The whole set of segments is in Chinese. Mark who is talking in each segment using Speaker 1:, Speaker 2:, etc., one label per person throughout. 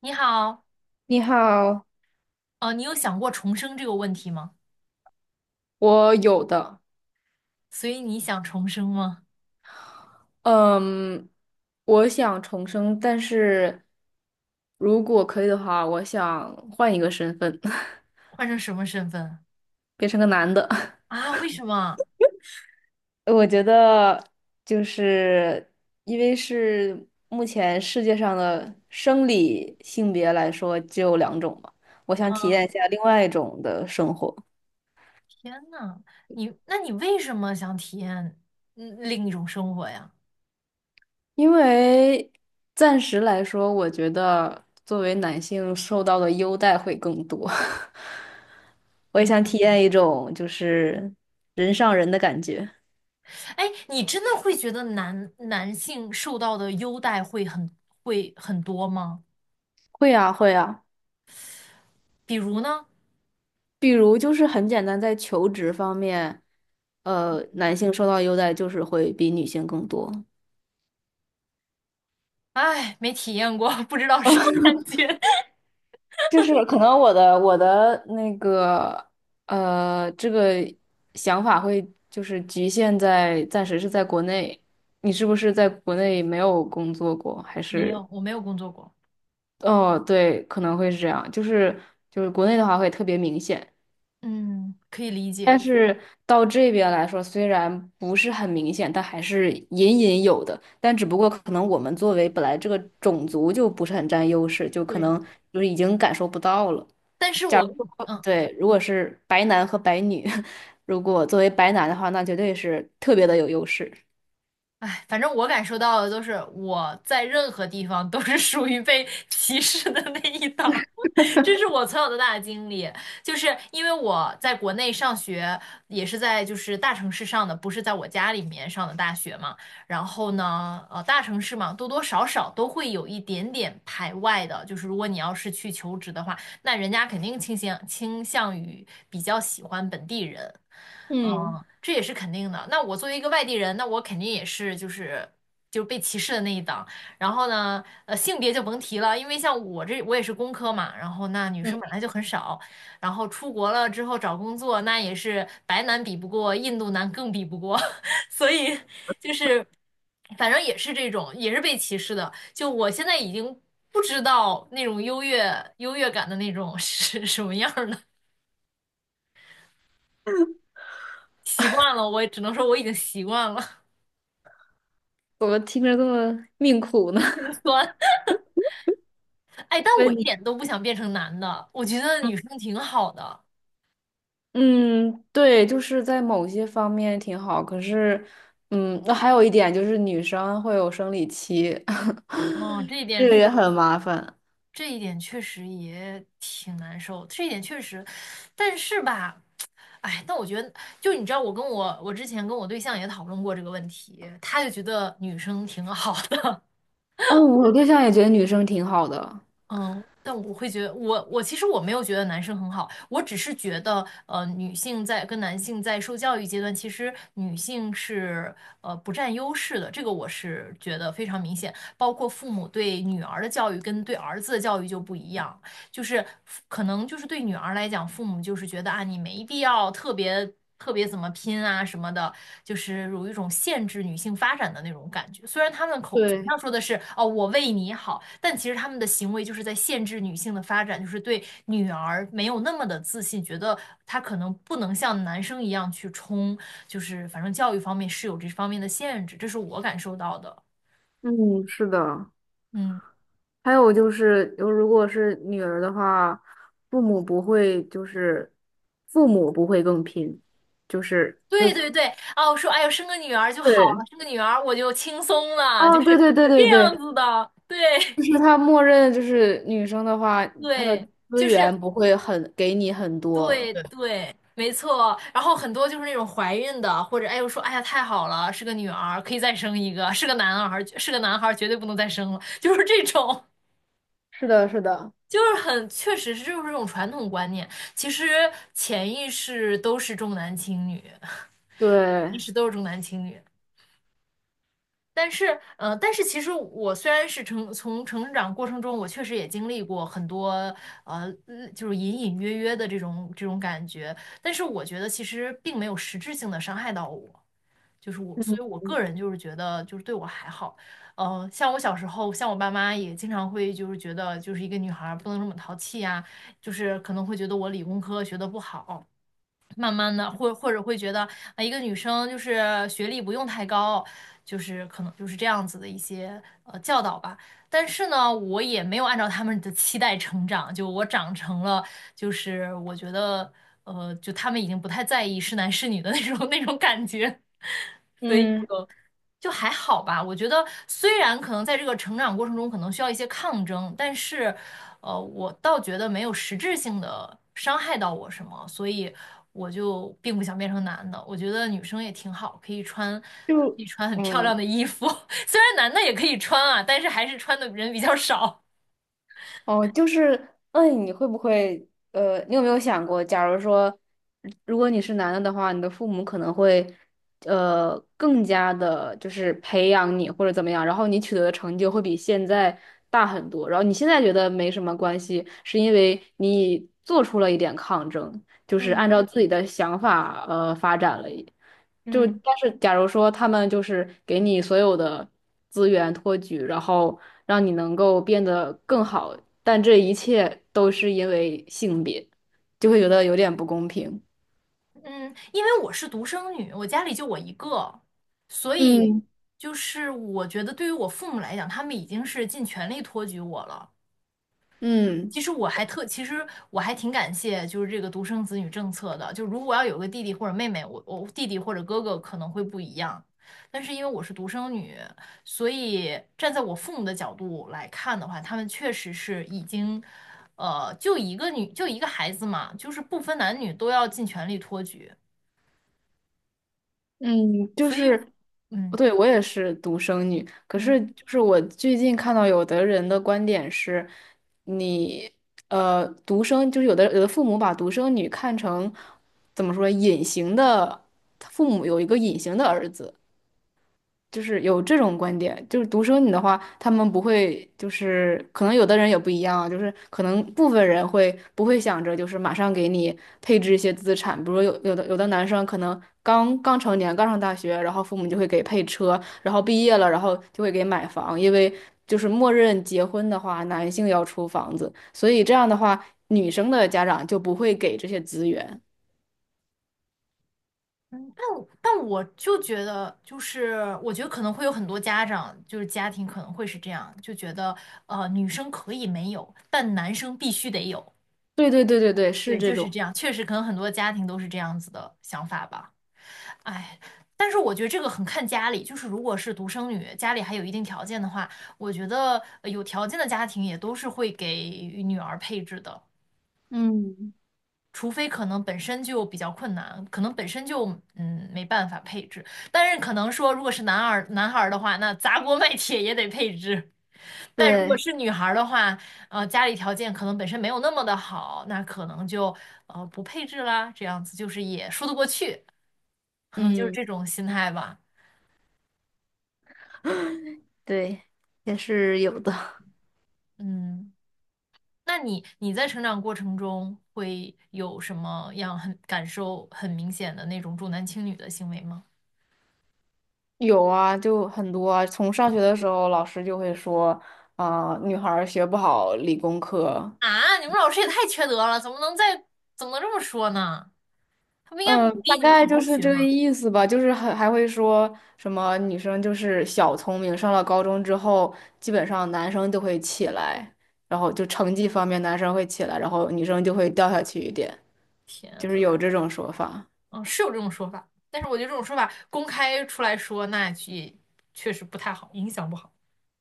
Speaker 1: 你好，
Speaker 2: 你好，
Speaker 1: 你有想过重生这个问题吗？
Speaker 2: 我有的。
Speaker 1: 所以你想重生吗？
Speaker 2: 嗯，我想重生，但是如果可以的话，我想换一个身份，
Speaker 1: 换成什么身份
Speaker 2: 变成个男的。
Speaker 1: 啊？为什么？
Speaker 2: 我觉得就是因为是目前世界上的生理性别来说只有两种嘛，我想体
Speaker 1: 嗯，
Speaker 2: 验一下另外一种的生活。
Speaker 1: 天呐，那你为什么想体验另一种生活呀？
Speaker 2: 因为暂时来说，我觉得作为男性受到的优待会更多。我也想
Speaker 1: 嗯，
Speaker 2: 体验一种人上人的感觉。
Speaker 1: 哎，你真的会觉得男性受到的优待会很多吗？
Speaker 2: 会啊，会啊，
Speaker 1: 比如呢？
Speaker 2: 比如就是很简单，在求职方面，男性受到优待就是会比女性更多。
Speaker 1: 哎，没体验过，不知道什么 感觉。
Speaker 2: 就是可能我的那个这个想法会就是局限在暂时是在国内。你是不是在国内没有工作过？还
Speaker 1: 没
Speaker 2: 是
Speaker 1: 有，我没有工作过。
Speaker 2: 哦，对，可能会是这样。就是国内的话会特别明显，
Speaker 1: 嗯，可以理
Speaker 2: 但
Speaker 1: 解。
Speaker 2: 是到这边来说，虽然不是很明显，但还是隐隐有的。但只不过可能我们作为本来这个种族就不是很占优势，就可
Speaker 1: 对，
Speaker 2: 能就是已经感受不到了。
Speaker 1: 但是
Speaker 2: 假
Speaker 1: 我
Speaker 2: 如
Speaker 1: 跟你。
Speaker 2: 说，对，如果是白男和白女，如果作为白男的话，那绝对是特别的有优势。
Speaker 1: 哎，反正我感受到的都是我在任何地方都是属于被歧视的那一档，这是我从小到大的经历。就是因为我在国内上学，也是在就是大城市上的，不是在我家里面上的大学嘛。然后呢，大城市嘛，多多少少都会有一点点排外的。就是如果你要是去求职的话，那人家肯定倾向于比较喜欢本地人。嗯，
Speaker 2: 嗯。
Speaker 1: 这也是肯定的。那我作为一个外地人，那我肯定也是就是被歧视的那一档。然后呢，性别就甭提了，因为像我我也是工科嘛，然后那女
Speaker 2: 嗯，
Speaker 1: 生本来就很少，然后出国了之后找工作，那也是白男比不过，印度男更比不过，所以就是反正也是这种，也是被歧视的。就我现在已经不知道那种优越感的那种是什么样儿了，习惯了，我只能说我已经习惯了。
Speaker 2: 怎么听着这么命苦呢？
Speaker 1: 酸。哎，但 我
Speaker 2: 问
Speaker 1: 一
Speaker 2: 你，
Speaker 1: 点都不想变成男的，我觉得 女
Speaker 2: 嗯。
Speaker 1: 生挺好的。
Speaker 2: 嗯，对，就是在某些方面挺好，可是，嗯，那还有一点就是女生会有生理期，
Speaker 1: 哦，这一
Speaker 2: 这
Speaker 1: 点
Speaker 2: 个
Speaker 1: 是，
Speaker 2: 也很麻烦。
Speaker 1: 这一点确实也挺难受，这一点确实，但是吧，哎，但我觉得，就你知道，我之前跟我对象也讨论过这个问题，他就觉得女生挺好的，
Speaker 2: 哦，我对象也觉得女生挺好的。
Speaker 1: 嗯，但我会觉得，我其实我没有觉得男生很好，我只是觉得，女性在跟男性在受教育阶段，其实女性是不占优势的，这个我是觉得非常明显，包括父母对女儿的教育跟对儿子的教育就不一样。就是可能就是对女儿来讲，父母就是觉得啊，你没必要特别特别怎么拼啊什么的，就是有一种限制女性发展的那种感觉。虽然他们口嘴
Speaker 2: 对，
Speaker 1: 上说的是哦，我为你好，但其实他们的行为就是在限制女性的发展，就是对女儿没有那么的自信，觉得她可能不能像男生一样去冲，就是反正教育方面是有这方面的限制，这是我感受到的。
Speaker 2: 嗯，是的。
Speaker 1: 嗯。
Speaker 2: 还有就是，有如果是女儿的话，父母不会就是父母不会更拼，就是
Speaker 1: 对对对，哦，我说，哎呦，生个女儿就好
Speaker 2: 对，
Speaker 1: 了，生个女儿我就轻松了，就
Speaker 2: 哦，对
Speaker 1: 是
Speaker 2: 对对
Speaker 1: 这
Speaker 2: 对
Speaker 1: 样
Speaker 2: 对，
Speaker 1: 子的，对
Speaker 2: 就是他默认就是女生的话，她的
Speaker 1: 对，
Speaker 2: 资
Speaker 1: 就是
Speaker 2: 源不会很给你很多。
Speaker 1: 对
Speaker 2: 对，
Speaker 1: 对，没错。然后很多就是那种怀孕的，或者哎呦说，哎呀太好了，是个女儿，可以再生一个，是个男孩儿，是个男孩儿，绝对不能再生了，就是这种，
Speaker 2: 是的，是的，
Speaker 1: 就是很确实是就是这种传统观念，其实潜意识都是重男轻女，意
Speaker 2: 对，
Speaker 1: 识都是重男轻女。但是其实我虽然是从成长过程中，我确实也经历过很多，就是隐隐约约的这种感觉，但是我觉得其实并没有实质性的伤害到我，所以我个人就是觉得就是对我还好，像我小时候，像我爸妈也经常会就是觉得就是一个女孩儿不能这么淘气呀，就是可能会觉得我理工科学得不好，慢慢的，或者会觉得啊，一个女生就是学历不用太高，就是可能就是这样子的一些教导吧。但是呢，我也没有按照他们的期待成长，就我长成了，就是我觉得就他们已经不太在意是男是女的那种 那种感觉。所以。
Speaker 2: 嗯，
Speaker 1: 就还好吧。我觉得虽然可能在这个成长过程中可能需要一些抗争，但是，我倒觉得没有实质性的伤害到我什么，所以我就并不想变成男的。我觉得女生也挺好，可以穿，可
Speaker 2: 就
Speaker 1: 以穿很漂
Speaker 2: 嗯。
Speaker 1: 亮的衣服，虽然男的也可以穿啊，但是还是穿的人比较少。
Speaker 2: 哦，就是，嗯，你会不会，呃，你有没有想过，假如说，如果你是男的的话，你的父母可能会，更加的，就是培养你或者怎么样，然后你取得的成就会比现在大很多，然后你现在觉得没什么关系，是因为你做出了一点抗争，就是按
Speaker 1: 嗯
Speaker 2: 照自己的想法，发展了。就
Speaker 1: 嗯
Speaker 2: 但是假如说他们就是给你所有的资源托举，然后让你能够变得更好，但这一切都是因为性别，就会觉得有点不公平。
Speaker 1: 嗯，因为我是独生女，我家里就我一个，所以
Speaker 2: 嗯。
Speaker 1: 就是我觉得对于我父母来讲，他们已经是尽全力托举我了。
Speaker 2: 嗯。
Speaker 1: 其实我还挺感谢，就是这个独生子女政策的。就如果要有个弟弟或者妹妹，我弟弟或者哥哥可能会不一样，但是因为我是独生女，所以站在我父母的角度来看的话，他们确实是已经，就一个孩子嘛，就是不分男女都要尽全力托举。
Speaker 2: 嗯，就
Speaker 1: 所以，
Speaker 2: 是，
Speaker 1: 嗯。
Speaker 2: 对，我也是独生女，可是就是我最近看到有的人的观点是，你独生就是有的父母把独生女看成怎么说隐形的，父母有一个隐形的儿子，就是有这种观点，就是独生女的话，他们不会，就是可能有的人也不一样啊，就是可能部分人会不会想着就是马上给你配置一些资产，比如有的男生可能刚刚成年，刚上大学，然后父母就会给配车，然后毕业了，然后就会给买房，因为就是默认结婚的话，男性要出房子，所以这样的话，女生的家长就不会给这些资源。
Speaker 1: 但我就觉得，就是我觉得可能会有很多家长，就是家庭可能会是这样，就觉得女生可以没有，但男生必须得有。
Speaker 2: 对对对对对，是
Speaker 1: 对，
Speaker 2: 这
Speaker 1: 就是
Speaker 2: 种。
Speaker 1: 这样，确实可能很多家庭都是这样子的想法吧。哎，但是我觉得这个很看家里，就是如果是独生女，家里还有一定条件的话，我觉得有条件的家庭也都是会给女儿配置的。
Speaker 2: 嗯，
Speaker 1: 除非可能本身就比较困难，可能本身就没办法配置，但是可能说如果是男孩儿的话，那砸锅卖铁也得配置。但如果
Speaker 2: 对，
Speaker 1: 是女孩儿的话，家里条件可能本身没有那么的好，那可能就不配置啦，这样子就是也说得过去，可能就是
Speaker 2: 嗯。
Speaker 1: 这种心态吧。
Speaker 2: 对，也是有的。
Speaker 1: 嗯，那你在成长过程中会有什么样很感受很明显的那种重男轻女的行为吗？
Speaker 2: 有啊，就很多啊。从上学的时候，老师就会说，啊、女孩儿学不好理工科。
Speaker 1: 啊，你们老师也太缺德了，怎么能这么说呢？他不应该鼓
Speaker 2: 嗯，大
Speaker 1: 励你们
Speaker 2: 概
Speaker 1: 好
Speaker 2: 就
Speaker 1: 好
Speaker 2: 是
Speaker 1: 学
Speaker 2: 这个
Speaker 1: 吗？
Speaker 2: 意思吧。就是还会说什么女生就是小聪明，上了高中之后，基本上男生就会起来，然后就成绩方面男生会起来，然后女生就会掉下去一点，
Speaker 1: 天
Speaker 2: 就
Speaker 1: 呐，
Speaker 2: 是有这种说法。
Speaker 1: 嗯，是有这种说法，但是我觉得这种说法公开出来说，那也确实不太好，影响不好，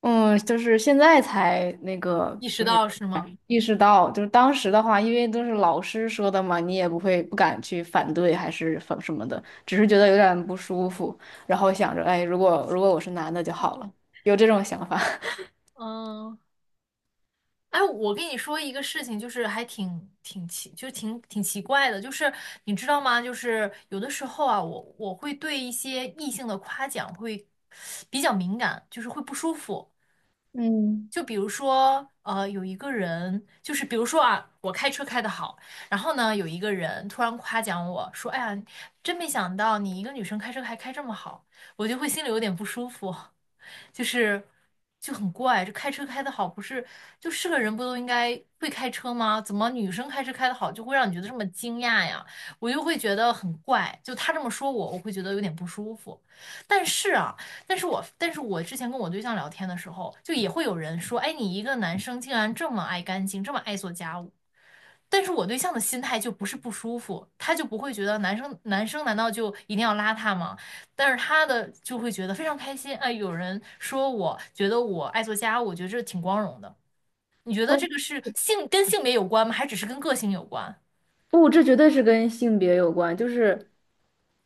Speaker 2: 嗯，就是现在才那个，
Speaker 1: 意识
Speaker 2: 就是
Speaker 1: 到是吗？
Speaker 2: 意识到，就是当时的话，因为都是老师说的嘛，你也不会不敢去反对，还是反什么的，只是觉得有点不舒服，然后想着，哎，如果我是男的就好了，有这种想法。
Speaker 1: 嗯，哎，我跟你说一个事情，就是还挺挺奇，就挺奇怪的，就是你知道吗？就是有的时候啊，我会对一些异性的夸奖会比较敏感，就是会不舒服。
Speaker 2: 嗯，
Speaker 1: 就比如说，有一个人，就是比如说啊，我开车开得好，然后呢，有一个人突然夸奖我说："哎呀，真没想到你一个女生开车还开这么好。"我就会心里有点不舒服。就是就很怪，这开车开得好不是就是个人不都应该会开车吗？怎么女生开车开得好就会让你觉得这么惊讶呀？我就会觉得很怪，就他这么说我，我会觉得有点不舒服。但是啊，但是我之前跟我对象聊天的时候，就也会有人说，哎，你一个男生竟然这么爱干净，这么爱做家务。但是我对象的心态就不是不舒服，他就不会觉得男生难道就一定要邋遢吗？但是他的就会觉得非常开心，哎，有人说我觉得我爱做家务，我觉得这挺光荣的。你觉得
Speaker 2: 哦，
Speaker 1: 这个是性跟性别有关吗？还只是跟个性有关？
Speaker 2: 不，这绝对是跟性别有关，就是，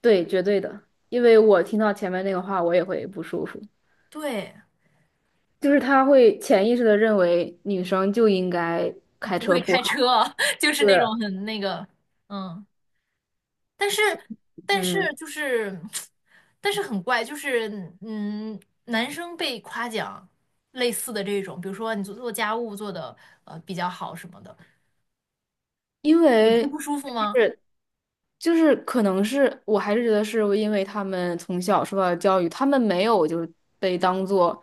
Speaker 2: 对，绝对的，因为我听到前面那个话，我也会不舒服，
Speaker 1: 对，
Speaker 2: 就是他会潜意识的认为女生就应该
Speaker 1: 啊
Speaker 2: 开
Speaker 1: 不
Speaker 2: 车
Speaker 1: 会
Speaker 2: 不
Speaker 1: 开车，
Speaker 2: 好，
Speaker 1: 就是那种
Speaker 2: 是。
Speaker 1: 很那个，嗯。但是但
Speaker 2: 嗯，
Speaker 1: 是就是，但是很怪，就是嗯，男生被夸奖类似的这种，比如说你做家务做的比较好什么的，
Speaker 2: 因
Speaker 1: 你会
Speaker 2: 为
Speaker 1: 不舒服吗？
Speaker 2: 是可能是我还是觉得是因为他们从小受到的教育，他们没有就是被当做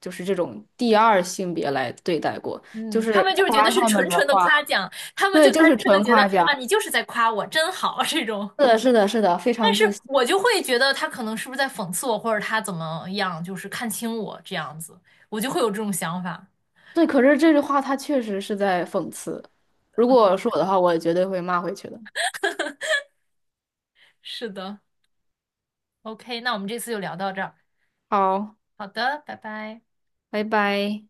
Speaker 2: 就是这种第二性别来对待过，就
Speaker 1: 嗯，他
Speaker 2: 是
Speaker 1: 们就是觉得
Speaker 2: 夸
Speaker 1: 是
Speaker 2: 他们
Speaker 1: 纯
Speaker 2: 的
Speaker 1: 纯的夸
Speaker 2: 话，
Speaker 1: 奖，他们
Speaker 2: 对，
Speaker 1: 就单
Speaker 2: 就是
Speaker 1: 纯的
Speaker 2: 纯
Speaker 1: 觉得
Speaker 2: 夸
Speaker 1: 啊，
Speaker 2: 奖，
Speaker 1: 你就是在夸我，真好这种。
Speaker 2: 是的，是的，是的，非
Speaker 1: 但
Speaker 2: 常
Speaker 1: 是
Speaker 2: 自信。
Speaker 1: 我就会觉得他可能是不是在讽刺我，或者他怎么样，就是看清我这样子，我就会有这种想法。
Speaker 2: 对，可是这句话他确实是在讽刺。如果是我的话，我也绝对会骂回去的。
Speaker 1: 是的，OK，那我们这次就聊到这儿。
Speaker 2: 好，
Speaker 1: 好的，拜拜。
Speaker 2: 拜拜。